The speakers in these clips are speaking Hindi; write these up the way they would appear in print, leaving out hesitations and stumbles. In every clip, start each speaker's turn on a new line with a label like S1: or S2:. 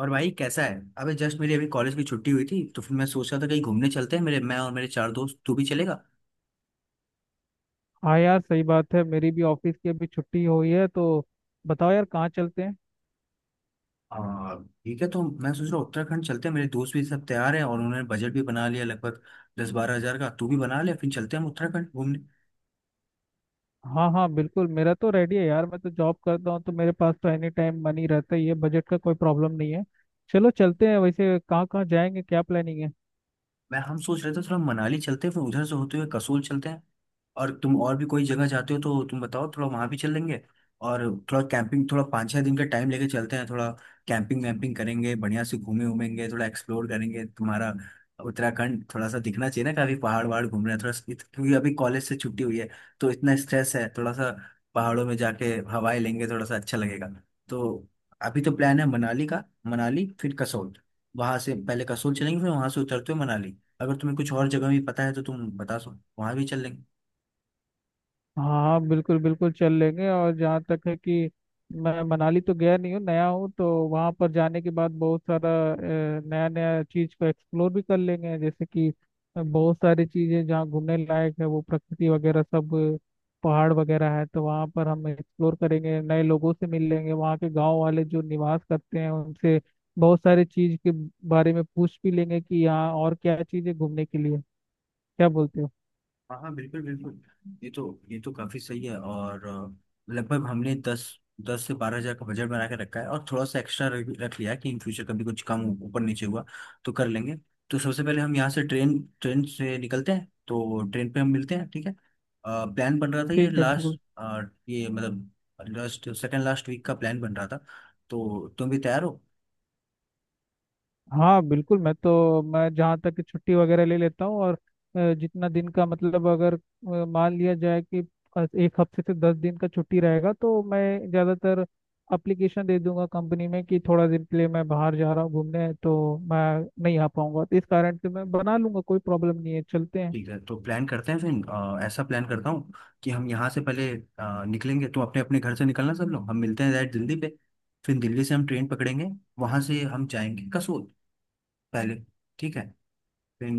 S1: और भाई कैसा है अबे जस्ट मेरी अभी कॉलेज की छुट्टी हुई थी, तो फिर मैं सोच रहा था कहीं घूमने चलते हैं। मेरे मैं और मेरे 4 दोस्त, तू भी चलेगा?
S2: हाँ यार, सही बात है। मेरी भी ऑफिस की अभी छुट्टी हुई है, तो बताओ यार, कहाँ चलते हैं।
S1: आ, ठीक है, तो मैं सोच रहा हूँ उत्तराखंड चलते हैं। मेरे दोस्त भी सब तैयार हैं और उन्होंने बजट भी बना लिया लगभग 10-12 हज़ार का। तू भी बना ले, फिर चलते हैं हम उत्तराखंड घूमने।
S2: हाँ हाँ, बिल्कुल मेरा तो रेडी है यार। मैं तो जॉब करता हूँ, तो मेरे पास तो एनी टाइम मनी रहता ही है। बजट का कोई प्रॉब्लम नहीं है। चलो, चलते हैं। वैसे कहाँ कहाँ जाएंगे, क्या प्लानिंग है?
S1: मैं हम सोच रहे थे थोड़ा मनाली चलते हैं, फिर उधर से होते हुए कसोल चलते हैं। और तुम और भी कोई जगह जाते हो तो तुम बताओ, थोड़ा वहां भी चल लेंगे। और थोड़ा कैंपिंग, थोड़ा 5-6 दिन का टाइम लेके चलते हैं। थोड़ा कैंपिंग वैम्पिंग करेंगे, बढ़िया से घूमे घूमेंगे, थोड़ा एक्सप्लोर करेंगे। तुम्हारा उत्तराखंड थोड़ा सा दिखना चाहिए ना, काफी पहाड़ वहाड़ घूम रहे हैं थोड़ा। क्योंकि अभी कॉलेज से छुट्टी हुई है तो इतना स्ट्रेस है थोड़ा सा। पहाड़ों में जाके हवाएं लेंगे, थोड़ा सा अच्छा लगेगा। तो अभी तो प्लान है मनाली का, मनाली फिर कसोल। वहां से पहले कसोल चलेंगे, फिर वहां से उतरते हुए मनाली। अगर तुम्हें कुछ और जगह भी पता है तो तुम बता सो, वहां भी चल लेंगे।
S2: हाँ, बिल्कुल बिल्कुल चल लेंगे। और जहाँ तक है कि मैं मनाली तो गया नहीं हूँ, नया हूँ, तो वहाँ पर जाने के बाद बहुत सारा नया नया चीज़ को एक्सप्लोर भी कर लेंगे। जैसे कि बहुत सारी चीज़ें जहाँ घूमने लायक है, वो प्रकृति वगैरह सब, पहाड़ वगैरह है, तो वहाँ पर हम एक्सप्लोर करेंगे, नए लोगों से मिल लेंगे, वहाँ के गांव वाले जो निवास करते हैं उनसे बहुत सारी चीज़ के बारे में पूछ भी लेंगे कि यहाँ और क्या चीज़ें घूमने के लिए। क्या बोलते हो?
S1: हाँ हाँ बिल्कुल बिल्कुल। ये तो काफी सही है। और लगभग हमने दस 10 से 12 हज़ार का बजट बना के रखा है, और थोड़ा सा एक्स्ट्रा रख रख लिया है कि इन फ्यूचर कभी कुछ कम ऊपर नीचे हुआ तो कर लेंगे। तो सबसे पहले हम यहाँ से ट्रेन ट्रेन से निकलते हैं, तो ट्रेन पे हम मिलते हैं, ठीक है? प्लान बन रहा था ये
S2: ठीक है,
S1: लास्ट,
S2: बिल्कुल।
S1: ये मतलब लास्ट सेकंड लास्ट वीक का प्लान बन रहा था। तो तुम भी तैयार हो।
S2: हाँ बिल्कुल, मैं जहाँ तक कि छुट्टी वगैरह ले लेता हूँ। और जितना दिन का मतलब, अगर मान लिया जाए कि एक हफ्ते से 10 दिन का छुट्टी रहेगा, तो मैं ज़्यादातर अप्लीकेशन दे दूंगा कंपनी में कि थोड़ा दिन के लिए मैं बाहर जा रहा हूँ घूमने, तो मैं नहीं आ पाऊंगा। तो इस कारण से मैं बना लूंगा, कोई प्रॉब्लम नहीं है, चलते हैं।
S1: ठीक है, तो प्लान करते हैं फिर। ऐसा प्लान करता हूँ कि हम यहाँ से पहले निकलेंगे, तो अपने अपने घर से निकलना सब लोग, हम मिलते हैं डायरेक्ट दिल्ली पे। फिर दिल्ली से हम ट्रेन पकड़ेंगे, वहाँ से हम जाएंगे कसोल, पहले। ठीक है। फिर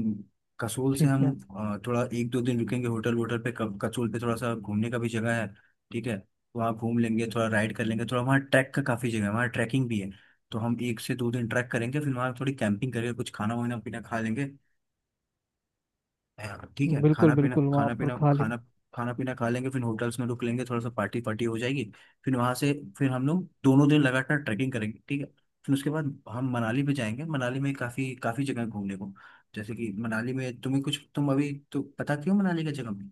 S1: कसोल से
S2: ठीक
S1: हम
S2: है,
S1: थोड़ा 1-2 दिन रुकेंगे होटल वोटल पे। कसोल पे थोड़ा सा घूमने का भी जगह है, ठीक है? तो वहाँ घूम लेंगे, थोड़ा राइड कर लेंगे। थोड़ा वहाँ ट्रैक का काफ़ी जगह है, वहाँ ट्रैकिंग भी है। तो हम 1 से 2 दिन ट्रैक करेंगे, फिर वहाँ थोड़ी कैंपिंग करके कुछ खाना वाना पीना खा लेंगे। हाँ, ठीक है।
S2: बिल्कुल बिल्कुल वहाँ पर खा लेंगे।
S1: खाना पीना खा लेंगे, फिर होटल्स में रुक लेंगे। थोड़ा सा पार्टी पार्टी हो जाएगी। फिर वहां से, फिर हम लोग दोनों दिन लगातार ट्रैकिंग करेंगे, ठीक है? फिर उसके बाद हम मनाली पे जाएंगे। मनाली में काफी काफी जगह है घूमने को। जैसे कि मनाली में तुम्हें कुछ, तुम अभी तो पता क्यों मनाली का जगह में,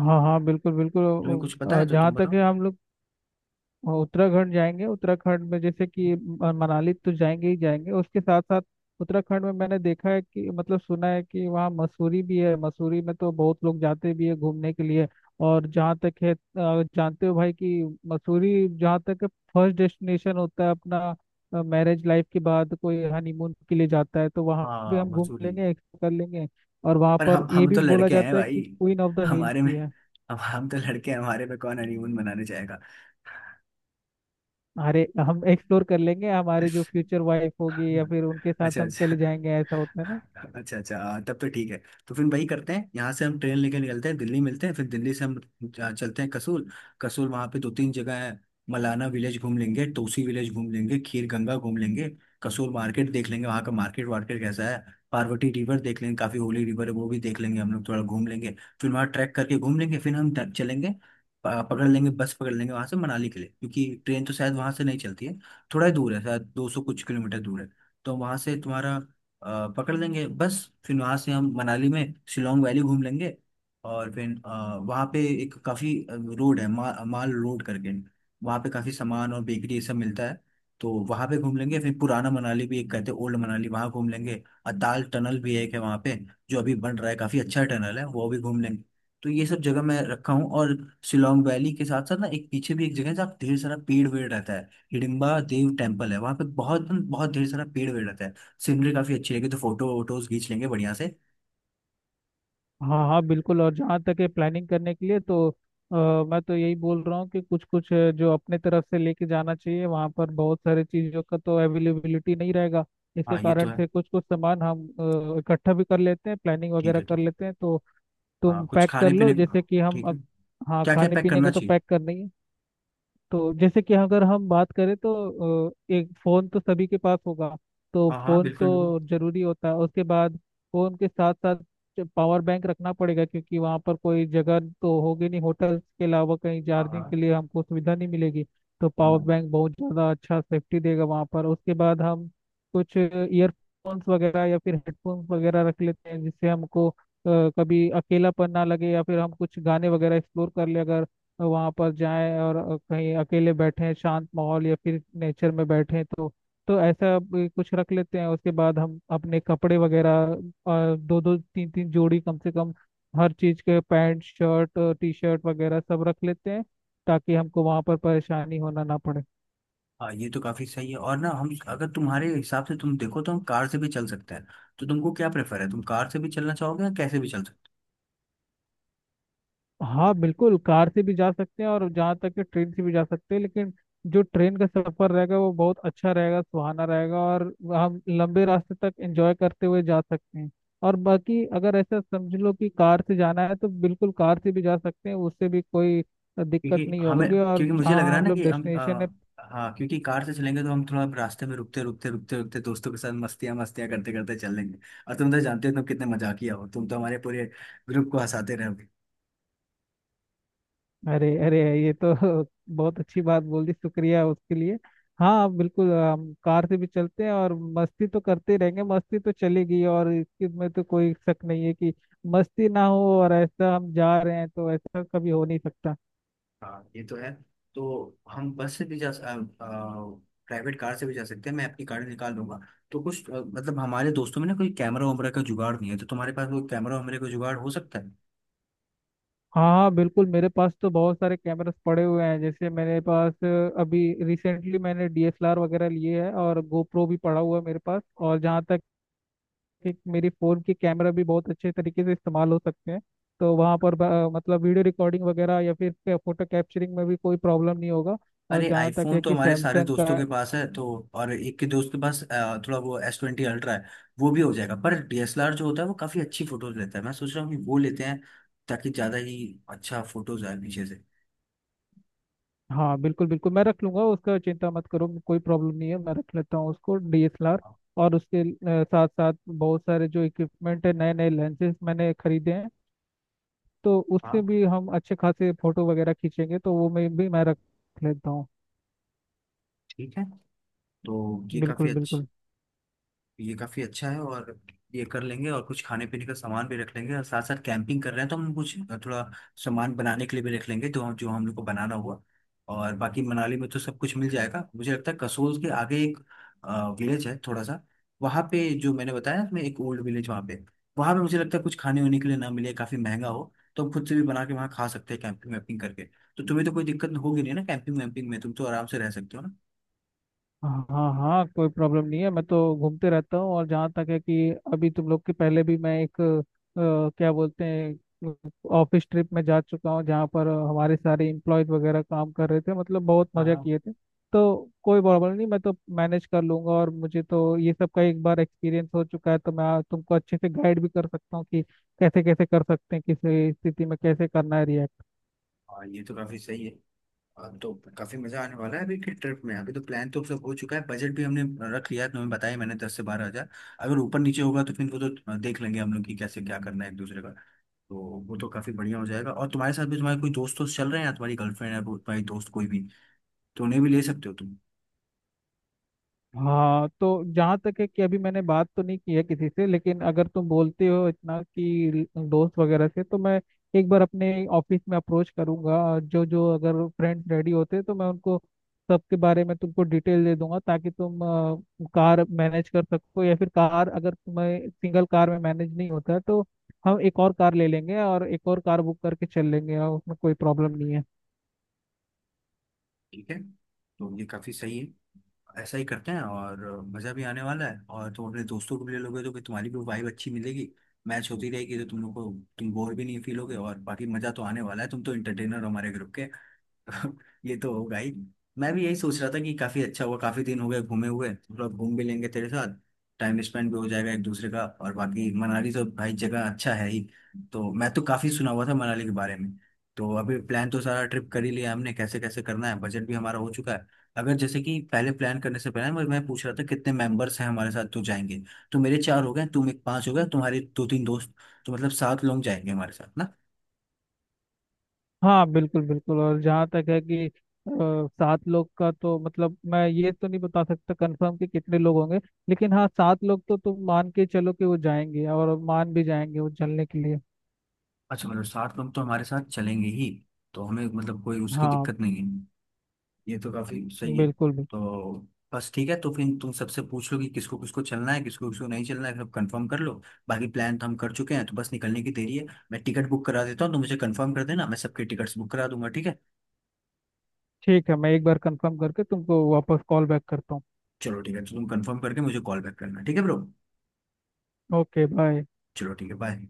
S2: हाँ हाँ, बिल्कुल बिल्कुल।
S1: तुम्हें कुछ पता है तो तुम
S2: जहाँ तक
S1: बताओ।
S2: है हम लोग और उत्तराखंड जाएंगे, उत्तराखंड में जैसे कि मनाली तो जाएंगे ही जाएंगे, उसके साथ साथ उत्तराखंड में मैंने देखा है कि, मतलब सुना है कि वहाँ मसूरी भी है। मसूरी में तो बहुत लोग जाते भी है घूमने के लिए। और जहाँ तक है, जानते हो भाई कि मसूरी जहाँ तक फर्स्ट डेस्टिनेशन होता है, अपना मैरिज लाइफ के बाद कोई हनीमून के लिए जाता है, तो वहाँ भी
S1: हाँ
S2: हम घूम
S1: मसूरी।
S2: लेंगे, एक्सप्लोर कर लेंगे। और वहाँ
S1: पर
S2: पर ये
S1: हम
S2: भी
S1: तो
S2: बोला
S1: लड़के हैं
S2: जाता है
S1: भाई,
S2: कि क्वीन ऑफ द हिल्स
S1: हमारे में,
S2: भी है।
S1: हम तो लड़के हैं, हमारे में कौन हनीमून मनाने जाएगा?
S2: अरे, हम एक्सप्लोर कर लेंगे। हमारे जो फ्यूचर वाइफ होगी, या फिर उनके साथ
S1: अच्छा
S2: हम
S1: अच्छा।
S2: चले जाएंगे, ऐसा होता है ना।
S1: अच्छा अच्छा, हाँ, तब तो ठीक है। तो फिर वही करते हैं, यहाँ से हम ट्रेन लेके निकलते हैं, दिल्ली मिलते हैं, फिर दिल्ली से हम चलते हैं कसूल। कसूल वहाँ पे 2-3 जगह है। मलाना विलेज घूम लेंगे, तोसी विलेज घूम लेंगे, खीर गंगा घूम लेंगे, कसूल मार्केट देख लेंगे, वहाँ का मार्केट वार्केट कैसा है। पार्वती रिवर देख लेंगे, काफी होली रिवर है, वो भी देख लेंगे हम लोग, थोड़ा घूम लेंगे। फिर वहाँ ट्रैक करके घूम लेंगे, फिर हम चलेंगे, पकड़ लेंगे बस, पकड़ लेंगे वहाँ से मनाली के लिए, क्योंकि ट्रेन तो शायद वहाँ से नहीं चलती है। थोड़ा ही दूर है, शायद 200 कुछ किलोमीटर दूर है। तो वहां से तुम्हारा, पकड़ लेंगे बस। फिर वहां से हम मनाली में शिलोंग वैली घूम लेंगे। और फिर वहाँ पे एक काफी रोड है, माल रोड करके। वहाँ पे काफी सामान और बेकरी ये सब मिलता है, तो वहाँ पे घूम लेंगे। फिर पुराना मनाली भी एक कहते हैं, ओल्ड मनाली, वहाँ घूम लेंगे। अताल टनल भी एक है वहाँ पे, जो अभी बन रहा है, काफी अच्छा टनल है, वो भी घूम लेंगे। तो ये सब जगह मैं रखा हूँ। और शिलोंग वैली के साथ साथ ना, एक पीछे भी एक जगह है जहाँ ढेर सारा पेड़ वेड़ रहता है। हिडिम्बा देव टेम्पल है वहां पे, बहुत बहुत ढेर सारा पेड़ वेड़ रहता है। सीनरी काफी अच्छी रहेगी, तो फोटो वोटोज खींच लेंगे बढ़िया से।
S2: हाँ हाँ, बिल्कुल। और जहाँ तक है प्लानिंग करने के लिए, तो मैं तो यही बोल रहा हूँ कि कुछ कुछ जो अपने तरफ से लेके जाना चाहिए, वहाँ पर बहुत सारे चीज़ों का तो अवेलेबिलिटी नहीं रहेगा। इसके
S1: हाँ ये तो
S2: कारण
S1: है,
S2: से कुछ कुछ सामान हम इकट्ठा भी कर लेते हैं, प्लानिंग
S1: ठीक
S2: वगैरह
S1: है
S2: कर
S1: ठीक है।
S2: लेते हैं। तो
S1: हाँ
S2: तुम
S1: कुछ
S2: पैक कर
S1: खाने
S2: लो
S1: पीने को,
S2: जैसे कि हम
S1: ठीक है।
S2: अब। हाँ,
S1: क्या क्या
S2: खाने
S1: पैक
S2: पीने का
S1: करना
S2: तो
S1: चाहिए?
S2: पैक करना ही है। तो जैसे कि अगर हम बात करें तो एक फोन तो सभी के पास होगा, तो
S1: हाँ हाँ
S2: फोन
S1: बिल्कुल बिल्कुल।
S2: तो जरूरी होता है। उसके बाद फोन के साथ साथ पावर बैंक रखना पड़ेगा, क्योंकि वहाँ पर कोई जगह तो होगी नहीं होटल के अलावा कहीं
S1: हाँ
S2: चार्जिंग के
S1: हाँ।
S2: लिए, हमको सुविधा नहीं मिलेगी। तो पावर
S1: हाँ
S2: बैंक बहुत ज़्यादा अच्छा सेफ्टी देगा वहाँ पर। उसके बाद हम कुछ ईयरफोन्स वगैरह या फिर हेडफोन्स वगैरह रख लेते हैं, जिससे हमको कभी अकेलापन ना लगे, या फिर हम कुछ गाने वगैरह एक्सप्लोर कर ले, अगर तो वहाँ पर जाएं और कहीं अकेले बैठें शांत माहौल या फिर नेचर में बैठें, तो ऐसा भी कुछ रख लेते हैं। उसके बाद हम अपने कपड़े वगैरह दो दो तीन तीन जोड़ी कम से कम हर चीज़ के पैंट शर्ट, टी शर्ट वगैरह सब रख लेते हैं, ताकि हमको वहाँ पर परेशानी होना ना पड़े।
S1: हाँ। ये तो काफी सही है। और ना हम अगर तुम्हारे हिसाब से, तुम देखो तो हम कार से भी चल सकते हैं। तो तुमको क्या प्रेफर है? तुम कार से भी चलना चाहोगे या कैसे भी चल।
S2: हाँ बिल्कुल, कार से भी जा सकते हैं। और जहाँ तक कि ट्रेन से भी जा सकते हैं, लेकिन जो ट्रेन का सफर रहेगा वो बहुत अच्छा रहेगा, सुहाना रहेगा, और हम लंबे रास्ते तक एंजॉय करते हुए जा सकते हैं। और बाकी अगर ऐसा समझ लो कि कार से जाना है, तो बिल्कुल कार से भी जा सकते हैं, उससे भी कोई दिक्कत
S1: क्योंकि
S2: नहीं
S1: हमें,
S2: होगी। और
S1: क्योंकि मुझे लग
S2: जहाँ
S1: रहा है
S2: हम
S1: ना
S2: लोग
S1: कि हम
S2: डेस्टिनेशन है।
S1: हाँ, क्योंकि कार से चलेंगे तो हम थोड़ा रास्ते में रुकते रुकते रुकते रुकते दोस्तों के साथ मस्तियाँ मस्तियाँ करते करते चलेंगे। और तुम तो जानते हो तुम कितने मजाकिया हो, तुम तो हमारे पूरे ग्रुप को हंसाते रहे हो।
S2: अरे अरे, ये तो बहुत अच्छी बात बोल दी। शुक्रिया उसके लिए। हाँ बिल्कुल, हम कार से भी चलते हैं। और मस्ती तो करते ही रहेंगे, मस्ती तो चलेगी। और इसकी में तो कोई शक नहीं है कि मस्ती ना हो, और ऐसा हम जा रहे हैं तो ऐसा कभी हो नहीं सकता।
S1: हाँ ये तो है। तो हम बस से भी जा, प्राइवेट कार से भी जा सकते हैं, मैं अपनी कार निकाल लूंगा। तो कुछ मतलब हमारे दोस्तों में ना कोई कैमरा वैमरा का जुगाड़ नहीं है, तो तुम्हारे पास वो कैमरा वैमरे का जुगाड़ हो सकता है।
S2: हाँ हाँ, बिल्कुल। मेरे पास तो बहुत सारे कैमरास पड़े हुए हैं। जैसे मेरे पास अभी रिसेंटली मैंने डीएसएलआर वगैरह लिए है, और गोप्रो भी पड़ा हुआ है मेरे पास। और जहाँ तक कि मेरी फ़ोन के कैमरा भी बहुत अच्छे तरीके से इस्तेमाल हो सकते हैं, तो वहाँ पर मतलब वीडियो रिकॉर्डिंग वगैरह या फिर फ़ोटो कैप्चरिंग में भी कोई प्रॉब्लम नहीं होगा। और
S1: अरे
S2: जहाँ तक
S1: iPhone
S2: है
S1: तो
S2: कि
S1: हमारे सारे
S2: सैमसंग
S1: दोस्तों
S2: का।
S1: के पास है तो। और एक के दोस्त के पास थोड़ा वो S20 Ultra है, वो भी हो जाएगा। पर DSLR जो होता है वो काफी अच्छी फोटोज लेता है, मैं सोच रहा हूँ कि वो लेते हैं, ताकि ज्यादा ही अच्छा फोटोज आए पीछे से।
S2: हाँ बिल्कुल बिल्कुल, मैं रख लूँगा उसका, चिंता मत करो। कोई प्रॉब्लम नहीं है, मैं रख लेता हूँ उसको डीएसएलआर। और उसके साथ साथ बहुत सारे जो इक्विपमेंट है, नए नए लेंसेज मैंने खरीदे हैं, तो उससे
S1: हाँ
S2: भी हम अच्छे खासे फ़ोटो वगैरह खींचेंगे। तो वो मैं रख लेता हूँ।
S1: ठीक है। तो ये
S2: बिल्कुल
S1: काफी अच्छा,
S2: बिल्कुल।
S1: ये काफी अच्छा है। और ये कर लेंगे, और कुछ खाने पीने का सामान भी रख लेंगे, और साथ साथ कैंपिंग कर रहे हैं तो हम कुछ थोड़ा सामान बनाने के लिए भी रख लेंगे, तो हम जो हम लोग को बनाना हुआ। और बाकी मनाली में तो सब कुछ मिल जाएगा, मुझे लगता है कसोल के आगे एक विलेज है थोड़ा सा, वहाँ पे जो मैंने बताया ना, मैं एक ओल्ड विलेज वहाँ पे, वहाँ पे मुझे लगता है कुछ खाने होने के लिए ना मिले, काफी महंगा हो। तो हम खुद से भी बना के वहाँ खा सकते हैं, कैंपिंग वैम्पिंग करके। तो तुम्हें तो कोई दिक्कत होगी नहीं ना कैंपिंग वैम्पिंग में? तुम तो आराम से रह सकते हो ना।
S2: हाँ हाँ, कोई प्रॉब्लम नहीं है। मैं तो घूमते रहता हूँ। और जहाँ तक है कि अभी तुम लोग के पहले भी मैं एक क्या बोलते हैं, ऑफिस ट्रिप में जा चुका हूँ, जहाँ पर हमारे सारे इम्प्लॉयज वगैरह काम कर रहे थे, मतलब बहुत
S1: हाँ
S2: मज़ा
S1: हाँ।
S2: किए थे। तो कोई प्रॉब्लम नहीं, मैं तो मैनेज कर लूंगा। और मुझे तो ये सब का एक बार एक्सपीरियंस हो चुका है, तो मैं तुमको अच्छे से गाइड भी कर सकता हूँ कि कैसे कैसे कर सकते हैं, किस स्थिति में कैसे करना है react।
S1: हाँ। ये तो काफी सही है। हाँ, तो काफी मजा आने वाला है अभी के ट्रिप में। अभी तो प्लान तो सब हो चुका है, बजट भी हमने रख लिया है, तुम्हें बताया मैंने 10 से 12 हज़ार। अगर ऊपर नीचे होगा तो फिर वो तो देख लेंगे हम लोग कि कैसे क्या करना है एक दूसरे का। तो वो तो काफी बढ़िया हो जाएगा। और तुम्हारे साथ भी तुम्हारे कोई दोस्त दोस्त चल रहे हैं या तुम्हारी गर्लफ्रेंड है वो, तुम्हारी दोस्त कोई भी, तो उन्हें भी ले सकते हो तुम।
S2: हाँ, तो जहाँ तक है कि अभी मैंने बात तो नहीं की है किसी से, लेकिन अगर तुम बोलते हो इतना कि दोस्त वगैरह से, तो मैं एक बार अपने ऑफिस में अप्रोच करूंगा। जो जो अगर फ्रेंड रेडी होते हैं, तो मैं उनको सबके बारे में तुमको डिटेल दे दूंगा, ताकि तुम कार मैनेज कर सको। या फिर कार, अगर तुम्हें सिंगल कार में मैनेज नहीं होता है, तो हम एक और कार ले लेंगे, और एक और कार बुक करके चल लेंगे, और उसमें कोई प्रॉब्लम नहीं है।
S1: ठीक है, तो ये काफी सही है। ऐसा ही करते हैं, और मजा भी आने वाला है। और तुम अपने दोस्तों को भी ले लोगे तो फिर तुम्हारी भी वाइब अच्छी मिलेगी, मैच होती रहेगी, तो तुम लोग को तुम बोर भी नहीं फील होगे। और बाकी मजा तो आने वाला है, तुम तो इंटरटेनर हो हमारे ग्रुप के। ये तो होगा ही। मैं भी यही सोच रहा था कि काफी अच्छा हुआ, काफी दिन हो गए घूमे हुए, थोड़ा घूम भी लेंगे तेरे साथ, टाइम स्पेंड भी हो जाएगा एक दूसरे का। और बाकी मनाली तो भाई जगह अच्छा है ही, तो मैं तो काफी सुना हुआ था मनाली के बारे में। तो अभी प्लान तो सारा ट्रिप कर ही लिया हमने, कैसे कैसे करना है, बजट भी हमारा हो चुका है। अगर जैसे कि पहले प्लान करने से पहले मैं पूछ रहा था कितने मेंबर्स हैं हमारे साथ तो जाएंगे। तो मेरे चार हो गए, तुम एक पांच हो गए, तुम्हारे 2-3 दोस्त, तो मतलब 7 लोग जाएंगे हमारे साथ ना?
S2: हाँ बिल्कुल बिल्कुल। और जहाँ तक है कि सात लोग का तो मतलब, मैं ये तो नहीं बता सकता कंफर्म कि कितने लोग होंगे, लेकिन हाँ, सात लोग तो तुम मान के चलो कि वो जाएंगे, और मान भी जाएंगे वो चलने के लिए।
S1: अच्छा, मतलब 7 लोग तो हमारे साथ चलेंगे ही। तो हमें मतलब कोई उसकी
S2: हाँ,
S1: दिक्कत नहीं है। ये तो काफी सही है।
S2: बिल्कुल भी।
S1: तो बस ठीक है, तो फिर तुम सबसे पूछ लो कि किसको किसको चलना है, किसको किसको नहीं चलना है, सब कंफर्म कर लो। बाकी प्लान तो हम कर चुके हैं, तो बस निकलने की देरी है। मैं टिकट बुक करा देता हूँ, तो मुझे कंफर्म कर देना, मैं सबके टिकट्स बुक करा दूंगा, ठीक है?
S2: ठीक है, मैं एक बार कंफर्म करके तुमको वापस कॉल बैक करता हूँ।
S1: चलो ठीक है, तो तुम कंफर्म करके मुझे कॉल बैक करना, ठीक है ब्रो?
S2: Okay, bye.
S1: चलो ठीक है, बाय।